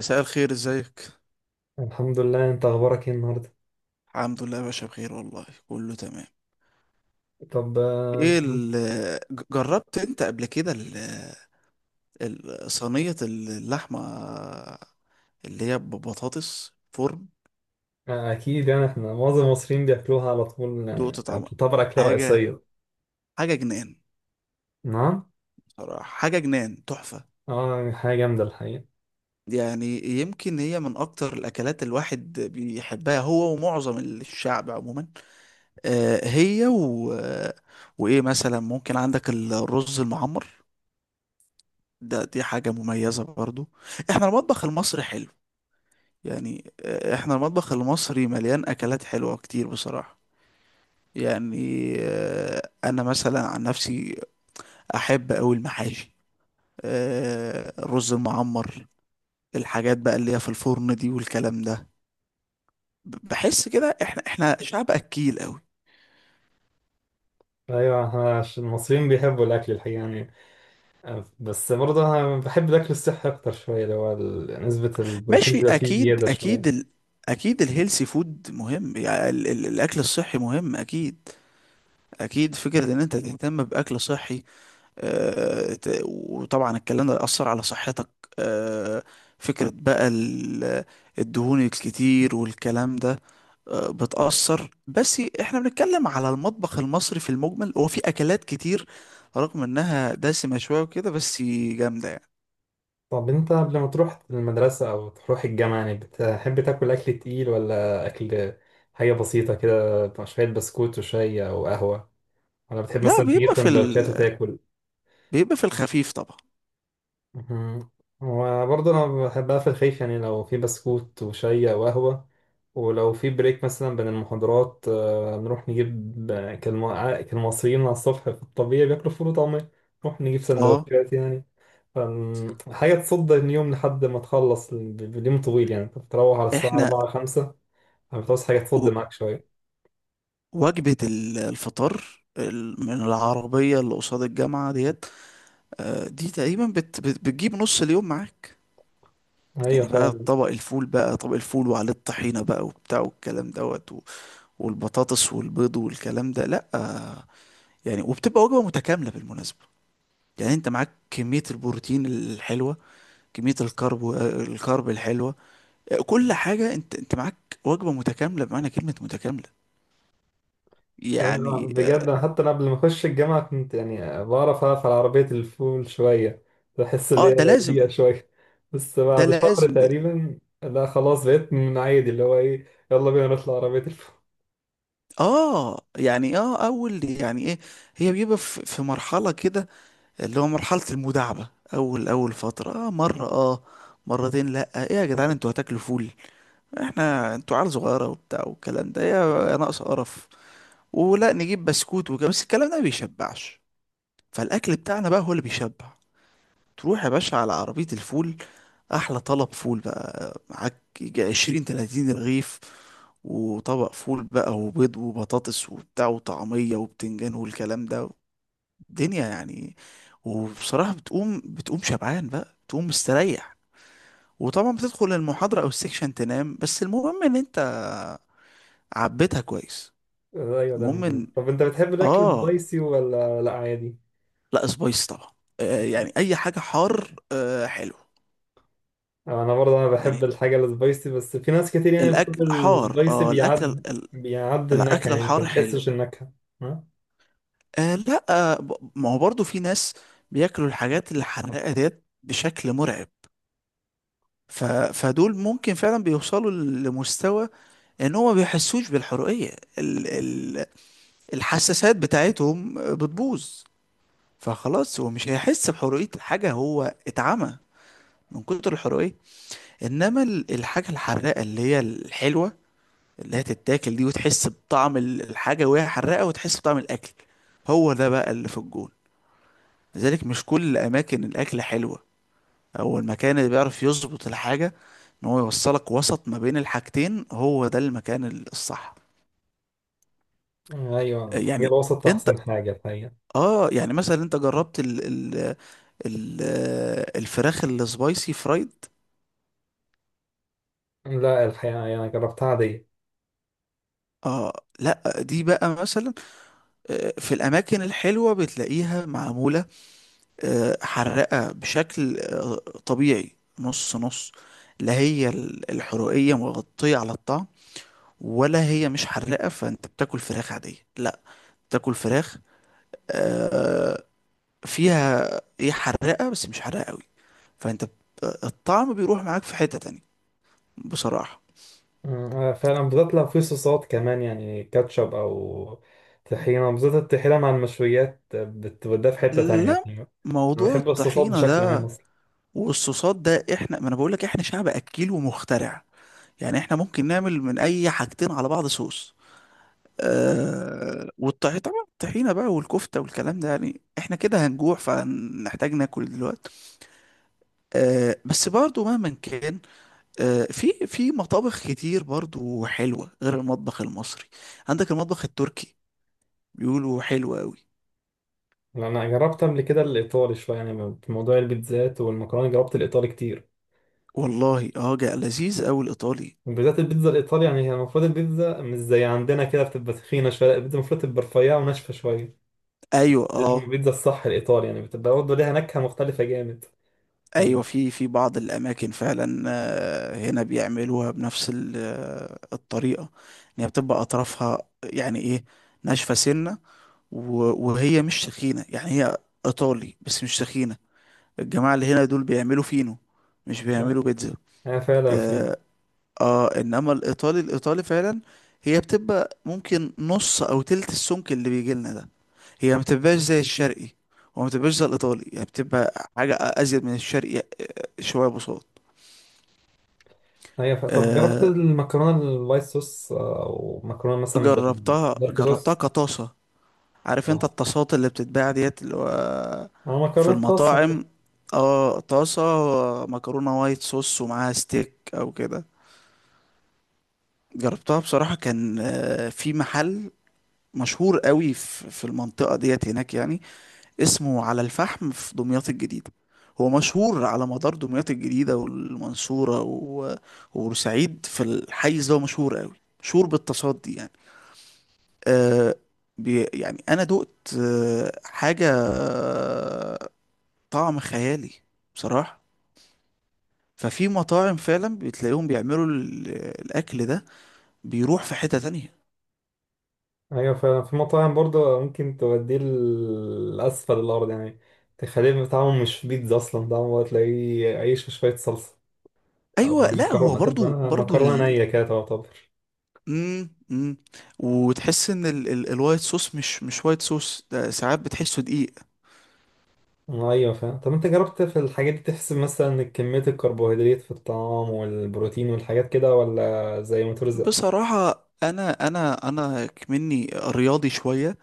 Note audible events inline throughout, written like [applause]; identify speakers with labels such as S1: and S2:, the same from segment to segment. S1: مساء الخير، ازيك؟
S2: الحمد لله، انت اخبارك ايه النهارده؟
S1: الحمد لله يا باشا بخير، والله كله تمام.
S2: طب
S1: ايه جربت انت قبل كده صينية اللحمة اللي هي ببطاطس فرن؟
S2: اكيد يعني احنا معظم المصريين بياكلوها على طول،
S1: دقت
S2: آه،
S1: طعمها؟
S2: بتعتبر اكله
S1: حاجة،
S2: رئيسيه.
S1: حاجة جنان.
S2: نعم.
S1: صراحة حاجة جنان، تحفة.
S2: اه يعني حاجه جامده الحقيقه.
S1: يعني يمكن هي من اكتر الاكلات الواحد بيحبها، هو ومعظم الشعب عموما. آه هي وايه مثلا؟ ممكن عندك الرز المعمر، ده دي حاجة مميزة برضو. احنا المطبخ المصري حلو، يعني احنا المطبخ المصري مليان اكلات حلوة كتير بصراحة. يعني انا مثلا عن نفسي احب اوي المحاشي، الرز المعمر، الحاجات بقى اللي هي في الفرن دي والكلام ده. بحس كده احنا شعب اكيل اوي.
S2: ايوه احنا المصريين بيحبوا الاكل الحقيقه يعني، بس برضه انا بحب الاكل الصحي اكتر شويه اللي هو نسبه البروتين
S1: ماشي،
S2: بيبقى فيه
S1: اكيد
S2: زياده
S1: اكيد
S2: شويه.
S1: اكيد الهيلثي فود مهم، يعني الاكل الصحي مهم اكيد. اكيد فكرة ان انت تهتم باكل صحي، وطبعا الكلام ده يأثر على صحتك. آه، فكرة بقى الدهون الكتير والكلام ده بتأثر. بس احنا بنتكلم على المطبخ المصري في المجمل، هو في أكلات كتير رغم انها دسمة شوية وكده، بس جامدة يعني.
S2: طب انت قبل ما تروح المدرسه او تروح الجامعه يعني بتحب تاكل اكل تقيل، ولا اكل حاجه بسيطه كده شويه بسكوت وشاي او قهوه؟ انا بتحب
S1: لا،
S2: مثلا تجيب
S1: بيبقى في
S2: سندوتشات وتاكل؟
S1: بيبقى في الخفيف طبعا.
S2: مهم. وبرضه انا بحب اقفل خفيف يعني لو في بسكوت وشاي او قهوه، ولو في بريك مثلا بين المحاضرات نروح نجيب، كالمصريين على الصبح في الطبيعي بياكلوا فول وطعمية، نروح نجيب
S1: اه
S2: سندوتشات يعني. حاجة تصد اليوم لحد ما تخلص اليوم طويل يعني، انت بتروح على الساعة
S1: احنا،
S2: 4 5 فبتعوز حاجة تصد
S1: و-
S2: معاك شوية.
S1: وجبة الفطار من العربية اللي قصاد الجامعة ديت، دي تقريبا بتجيب نص اليوم معاك. يعني
S2: أيوة.
S1: بقى طبق الفول، بقى طبق الفول وعليه الطحينة بقى وبتاع والكلام دوت، والبطاطس والبيض والكلام ده، لا، يعني وبتبقى وجبة متكاملة بالمناسبة. يعني انت معاك كمية البروتين الحلوة، كمية الكرب، الكرب الحلوة، كل حاجة، انت معاك وجبة متكاملة بمعنى كلمة متكاملة،
S2: ايوه
S1: يعني.
S2: بجد، أنا حتى انا قبل ما اخش الجامعه كنت يعني بعرف اقف على عربيه الفول شويه، بحس ان
S1: اه ده
S2: هي
S1: لازم،
S2: بيئه شويه، بس
S1: ده
S2: بعد شهر
S1: لازم ده.
S2: تقريبا لا خلاص بقيت من عادي اللي هو ايه يلا بينا نطلع عربيه الفول.
S1: اه يعني اه اول يعني ايه؟ هي بيبقى في مرحلة كده اللي هو مرحلة المداعبة، أول أول فترة، آه مرة، آه مرتين. لأ، إيه يا جدعان انتوا هتاكلوا فول؟ احنا انتوا عيال صغيرة وبتاع والكلام ده، يا يا ناقص قرف. ولا نجيب بسكوت وكده، بس الكلام ده ما بيشبعش، فالأكل بتاعنا بقى هو اللي بيشبع. تروح يا باشا على عربية الفول، أحلى طلب فول بقى، معاك يجي عشرين تلاتين رغيف، وطبق فول بقى وبيض وبطاطس وبتاع وطعمية وبتنجان والكلام ده، دنيا يعني. وبصراحة بتقوم شبعان بقى، بتقوم مستريح. وطبعا بتدخل المحاضرة او السكشن تنام، بس المهم ان انت عبيتها كويس.
S2: [laughs] ايوه ده
S1: المهم
S2: المهم.
S1: ان
S2: طب انت بتحب الاكل
S1: اه،
S2: سبايسي ولا لا عادي؟
S1: لا سبايس طبعا. آه يعني اي حاجة حار، آه حلو،
S2: انا برضه انا بحب
S1: يعني
S2: الحاجه السبايسي، بس في ناس كتير يعني
S1: الاكل
S2: بتقول
S1: حار،
S2: السبايسي
S1: اه الاكل
S2: بيعد، بيعد النكهه
S1: الاكل
S2: يعني انت
S1: الحار
S2: ما
S1: حلو.
S2: بتحسش النكهه. ها؟
S1: آه لا، آه ما هو برضو في ناس بياكلوا الحاجات الحراقة ديت بشكل مرعب، ف... فدول ممكن فعلا بيوصلوا لمستوى ان هو ما بيحسوش بالحرية، ال ال الحساسات بتاعتهم بتبوظ، فخلاص هو مش هيحس بحرية الحاجة، هو اتعمى من كتر الحرية. انما الحاجة الحراقة اللي هي الحلوة، اللي هي تتاكل دي وتحس بطعم الحاجة وهي حراقة وتحس بطعم الاكل، هو ده بقى اللي في الجون. لذلك مش كل الاماكن الاكل حلوة، هو المكان اللي بيعرف يظبط الحاجة ان هو يوصلك وسط ما بين الحاجتين، هو ده المكان الصح
S2: ايوه الحاجه
S1: يعني.
S2: الوسط
S1: انت
S2: احسن حاجه الحقيقه.
S1: اه يعني مثلا انت جربت ال ال ال الفراخ السبايسي فرايد؟
S2: لا الحقيقة يعني جربتها عادية.
S1: اه لا، دي بقى مثلا في الاماكن الحلوه بتلاقيها معموله حراقه بشكل طبيعي، نص نص. لا هي الحرقيه مغطيه على الطعم، ولا هي مش حراقه فانت بتاكل فراخ عاديه، لا بتاكل فراخ آه، فيها ايه حراقه بس مش حراقه قوي، الطعم بيروح معاك في حته تانية بصراحه.
S2: مم، أنا فعلا بالذات لو في صوصات كمان يعني كاتشب أو طحينة، بالذات الطحينة مع المشويات بتوديها في حتة تانية
S1: لا
S2: يعني. أنا
S1: موضوع
S2: بحب الصوصات
S1: الطحينة
S2: بشكل عام
S1: ده
S2: أصلا.
S1: والصوصات ده، احنا ما انا بقول لك احنا شعب اكيل ومخترع، يعني احنا ممكن نعمل من اي حاجتين على بعض صوص. آه والطحينة طبعا، الطحينة بقى والكفتة والكلام ده، يعني احنا كده هنجوع فهنحتاج ناكل دلوقتي. آه بس برضو مهما كان، آه في مطابخ كتير برضو حلوة غير المطبخ المصري، عندك المطبخ التركي بيقولوا حلو قوي.
S2: لأن أنا جربت قبل كده الإيطالي شوية يعني في موضوع البيتزات والمكرونة، جربت الإيطالي كتير.
S1: والله اه، جا لذيذ قوي الايطالي.
S2: وبالذات البيتزا الإيطالي، يعني هي المفروض البيتزا مش زي عندنا كده بتبقى تخينة شوية، لا، البيتزا المفروض تبقى رفيعة وناشفة شوية.
S1: ايوه
S2: دي
S1: اه،
S2: البيتزا الصح الإيطالي يعني بتبقى برضه ليها نكهة مختلفة جامد. عن-
S1: ايوه في بعض الاماكن فعلا هنا بيعملوها بنفس الطريقه، ان هي بتبقى اطرافها، يعني ايه، ناشفه سنه، وهي مش تخينه، يعني هي ايطالي بس مش تخينه. الجماعه اللي هنا دول بيعملوا فينو، مش بيعملوا بيتزا.
S2: أنا فعلا في.
S1: اه, انما الايطالي فعلا هي بتبقى ممكن نص او تلت السمك اللي بيجي لنا ده. هي ما بتبقاش زي الشرقي، وما بتبقاش زي الايطالي، يعني بتبقى حاجه ازيد من الشرقي، شويه بساط.
S2: طب جربت
S1: آه،
S2: المكرونه الوايت صوص، او مكرونه مثلا
S1: جربتها،
S2: بالدارك
S1: جربتها
S2: صوص؟
S1: كطاسة. عارف
S2: اه
S1: انت الطاسات اللي بتتباع ديت اللي هو
S2: انا
S1: في
S2: مكرونه طاس.
S1: المطاعم؟ اه طاسة، مكرونة وايت صوص ومعاها ستيك او كده، جربتها بصراحة، كان في محل مشهور قوي في المنطقة ديت هناك، يعني اسمه على الفحم في دمياط الجديدة، هو مشهور على مدار دمياط الجديدة والمنصورة وبورسعيد، في الحيز ده هو مشهور قوي، مشهور بالطاسات دي يعني. آه بي يعني انا دقت آه حاجه آه، طعم خيالي بصراحه. ففي مطاعم فعلا بتلاقيهم بيعملوا الاكل ده بيروح في حته تانية.
S2: ايوه فعلا في مطاعم برضه ممكن توديه لاسفل الارض يعني، تخليه طعمه مش بيتزا اصلا، طعمه تلاقيه عيش وشويه صلصه، او
S1: ايوه لا هو
S2: المكرونه تبقى
S1: برضو
S2: مكرونه نيه كده تعتبر.
S1: مم مم. وتحس ان الوايت صوص مش وايت صوص ده، ساعات بتحسه دقيق.
S2: ايوه فعلا. طب انت جربت في الحاجات دي تحسب مثلا كميه الكربوهيدرات في الطعام والبروتين والحاجات كده، ولا زي ما ترزق؟
S1: بصراحه انا مني رياضي شويه،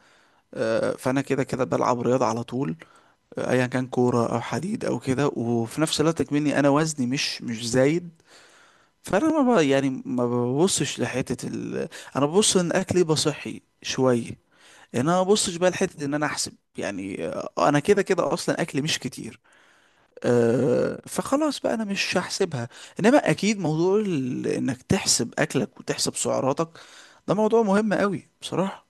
S1: فانا كده كده بلعب رياضه على طول، ايا كان كوره او حديد او كده، وفي نفس الوقت اكمني انا وزني مش زايد. فانا ما ب- يعني ما ببصش لحته انا ببص ان اكلي يبقى صحي شويه، ان انا ما ببصش بقى لحته ان انا احسب يعني، انا كده كده اصلا اكلي مش كتير، أه فخلاص بقى انا مش هحسبها. انما اكيد موضوع انك تحسب اكلك وتحسب سعراتك ده موضوع مهم قوي بصراحه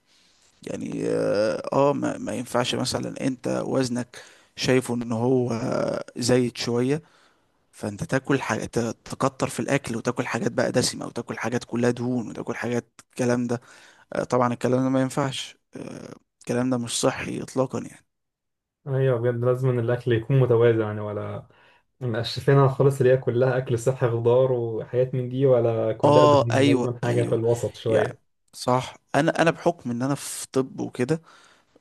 S1: يعني. اه ما ينفعش مثلا انت وزنك شايفه ان هو زايد شوية، فانت تاكل حاجة تكتر في الاكل، وتاكل حاجات بقى دسمة، وتاكل حاجات كلها دهون، وتاكل حاجات الكلام ده. طبعا الكلام ده ما ينفعش، الكلام ده مش صحي اطلاقا يعني.
S2: ايوه بجد لازم إن الاكل يكون متوازن يعني، ولا مقشفينها خالص اللي هي كلها أكل صحي خضار وحاجات من دي، ولا كلها
S1: اه
S2: دهون؟
S1: ايوه،
S2: لازم حاجة في
S1: ايوه
S2: الوسط شوية.
S1: يعني صح، انا بحكم ان انا في طب وكده،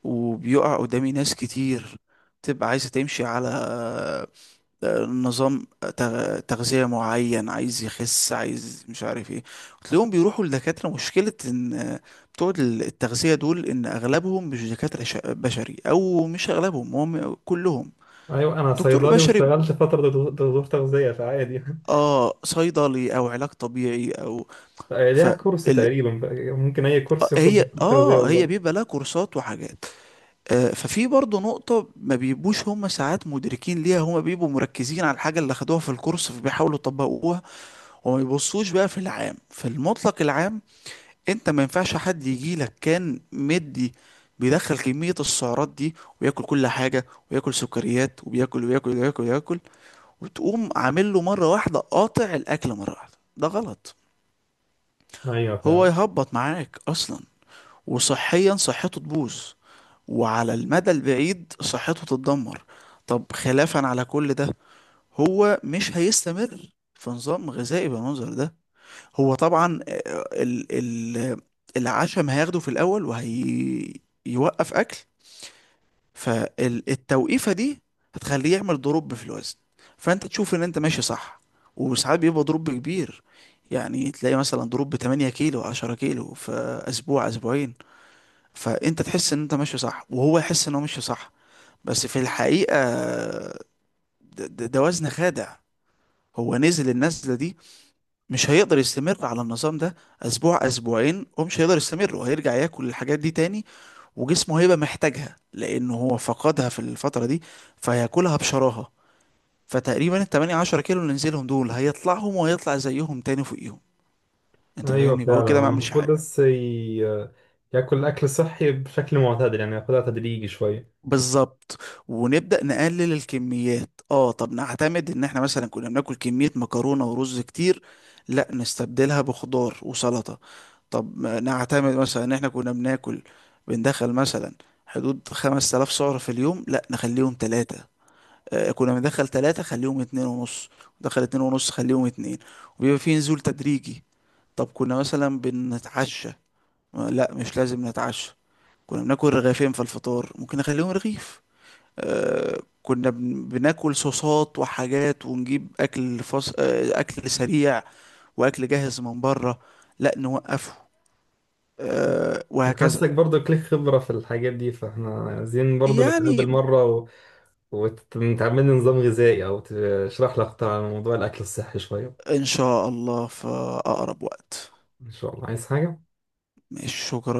S1: وبيقع قدامي ناس كتير بتبقى عايزة تمشي على نظام تغذية معين، عايز يخس، عايز مش عارف ايه، وتلاقيهم بيروحوا لدكاترة. مشكلة ان بتوع التغذية دول ان اغلبهم مش دكاترة بشري، او مش اغلبهم، هم كلهم.
S2: أيوة. أنا
S1: دكتور
S2: صيدلي
S1: بشري؟
S2: واشتغلت فترة دكتور، دكتور تغذية فعادي.
S1: اه صيدلي او علاج طبيعي او
S2: [laughs]
S1: ف
S2: ليها كورس
S1: ال...
S2: تقريبا. ممكن أي كورس ياخد
S1: هي
S2: دكتور تغذية
S1: اه هي
S2: والله.
S1: بيبقى لها كورسات وحاجات. آه ففي برضه نقطة ما بيبقوش هم ساعات مدركين ليها، هم بيبقوا مركزين على الحاجة اللي اخدوها في الكورس فبيحاولوا يطبقوها، وما يبصوش بقى في العام، في المطلق العام. انت ما ينفعش حد يجي لك كان مدي بيدخل كمية السعرات دي وياكل كل حاجة وياكل سكريات وبياكل وياكل وياكل وياكل، وتقوم عامل له مرة واحدة قاطع الأكل مرة واحدة، ده غلط.
S2: أيوه
S1: هو
S2: فعلا.
S1: يهبط معاك أصلا، وصحيا صحته تبوظ، وعلى المدى البعيد صحته تتدمر. طب خلافا على كل ده، هو مش هيستمر في نظام غذائي بالمنظر ده. هو طبعا آه، ال ال العشم هياخده في الاول وهيوقف اكل. فالتوقيفه دي هتخليه يعمل دروب في الوزن، فانت تشوف ان انت ماشي صح، وساعات بيبقى دروب كبير، يعني تلاقي مثلا دروب 8 كيلو 10 كيلو في اسبوع اسبوعين، فانت تحس ان انت ماشي صح وهو يحس ان هو ماشي صح. بس في الحقيقه ده وزن خادع، هو نزل النزله دي مش هيقدر يستمر على النظام ده اسبوع اسبوعين، ومش هيقدر يستمر وهيرجع ياكل الحاجات دي تاني، وجسمه هيبقى محتاجها لانه هو فقدها في الفترة دي فهياكلها بشراهة. فتقريبا ال 8 10 كيلو اللي نزلهم دول هيطلعهم وهيطلع زيهم تاني فوقيهم. انت
S2: أيوه
S1: فاهمني؟ يبقى هو
S2: فعلا،
S1: كده
S2: هو
S1: ما عملش
S2: المفروض
S1: حاجة.
S2: بس ياكل أكل صحي بشكل معتدل يعني، ياخدها تدريجي شوية.
S1: بالظبط، ونبدأ نقلل الكميات. اه طب نعتمد ان احنا مثلا كنا بناكل كمية مكرونة ورز كتير، لا نستبدلها بخضار وسلطة. طب ما نعتمد مثلا ان احنا كنا بناكل، بندخل مثلا حدود 5000 سعر في اليوم، لا نخليهم ثلاثة، آه كنا بندخل ثلاثة خليهم اتنين ونص، ندخل اتنين ونص خليهم اتنين، وبيبقى في نزول تدريجي. طب كنا مثلا بنتعشى لا مش لازم نتعشى، كنا بناكل رغيفين في الفطار ممكن نخليهم رغيف، آه، كنا بناكل صوصات وحاجات، ونجيب اكل فص... آه، اكل سريع واكل جاهز من بره لا نوقفه،
S2: أنا
S1: وهكذا.
S2: حاسك برضو ليك خبرة في الحاجات دي، فاحنا عايزين برضو نتقابل
S1: يعني
S2: مرة، وتعمل لي نظام غذائي او تشرح لي اكتر عن موضوع الاكل الصحي شويه.
S1: إن شاء الله في أقرب وقت.
S2: ان شاء الله عايز حاجه.
S1: ماشي، شكرا.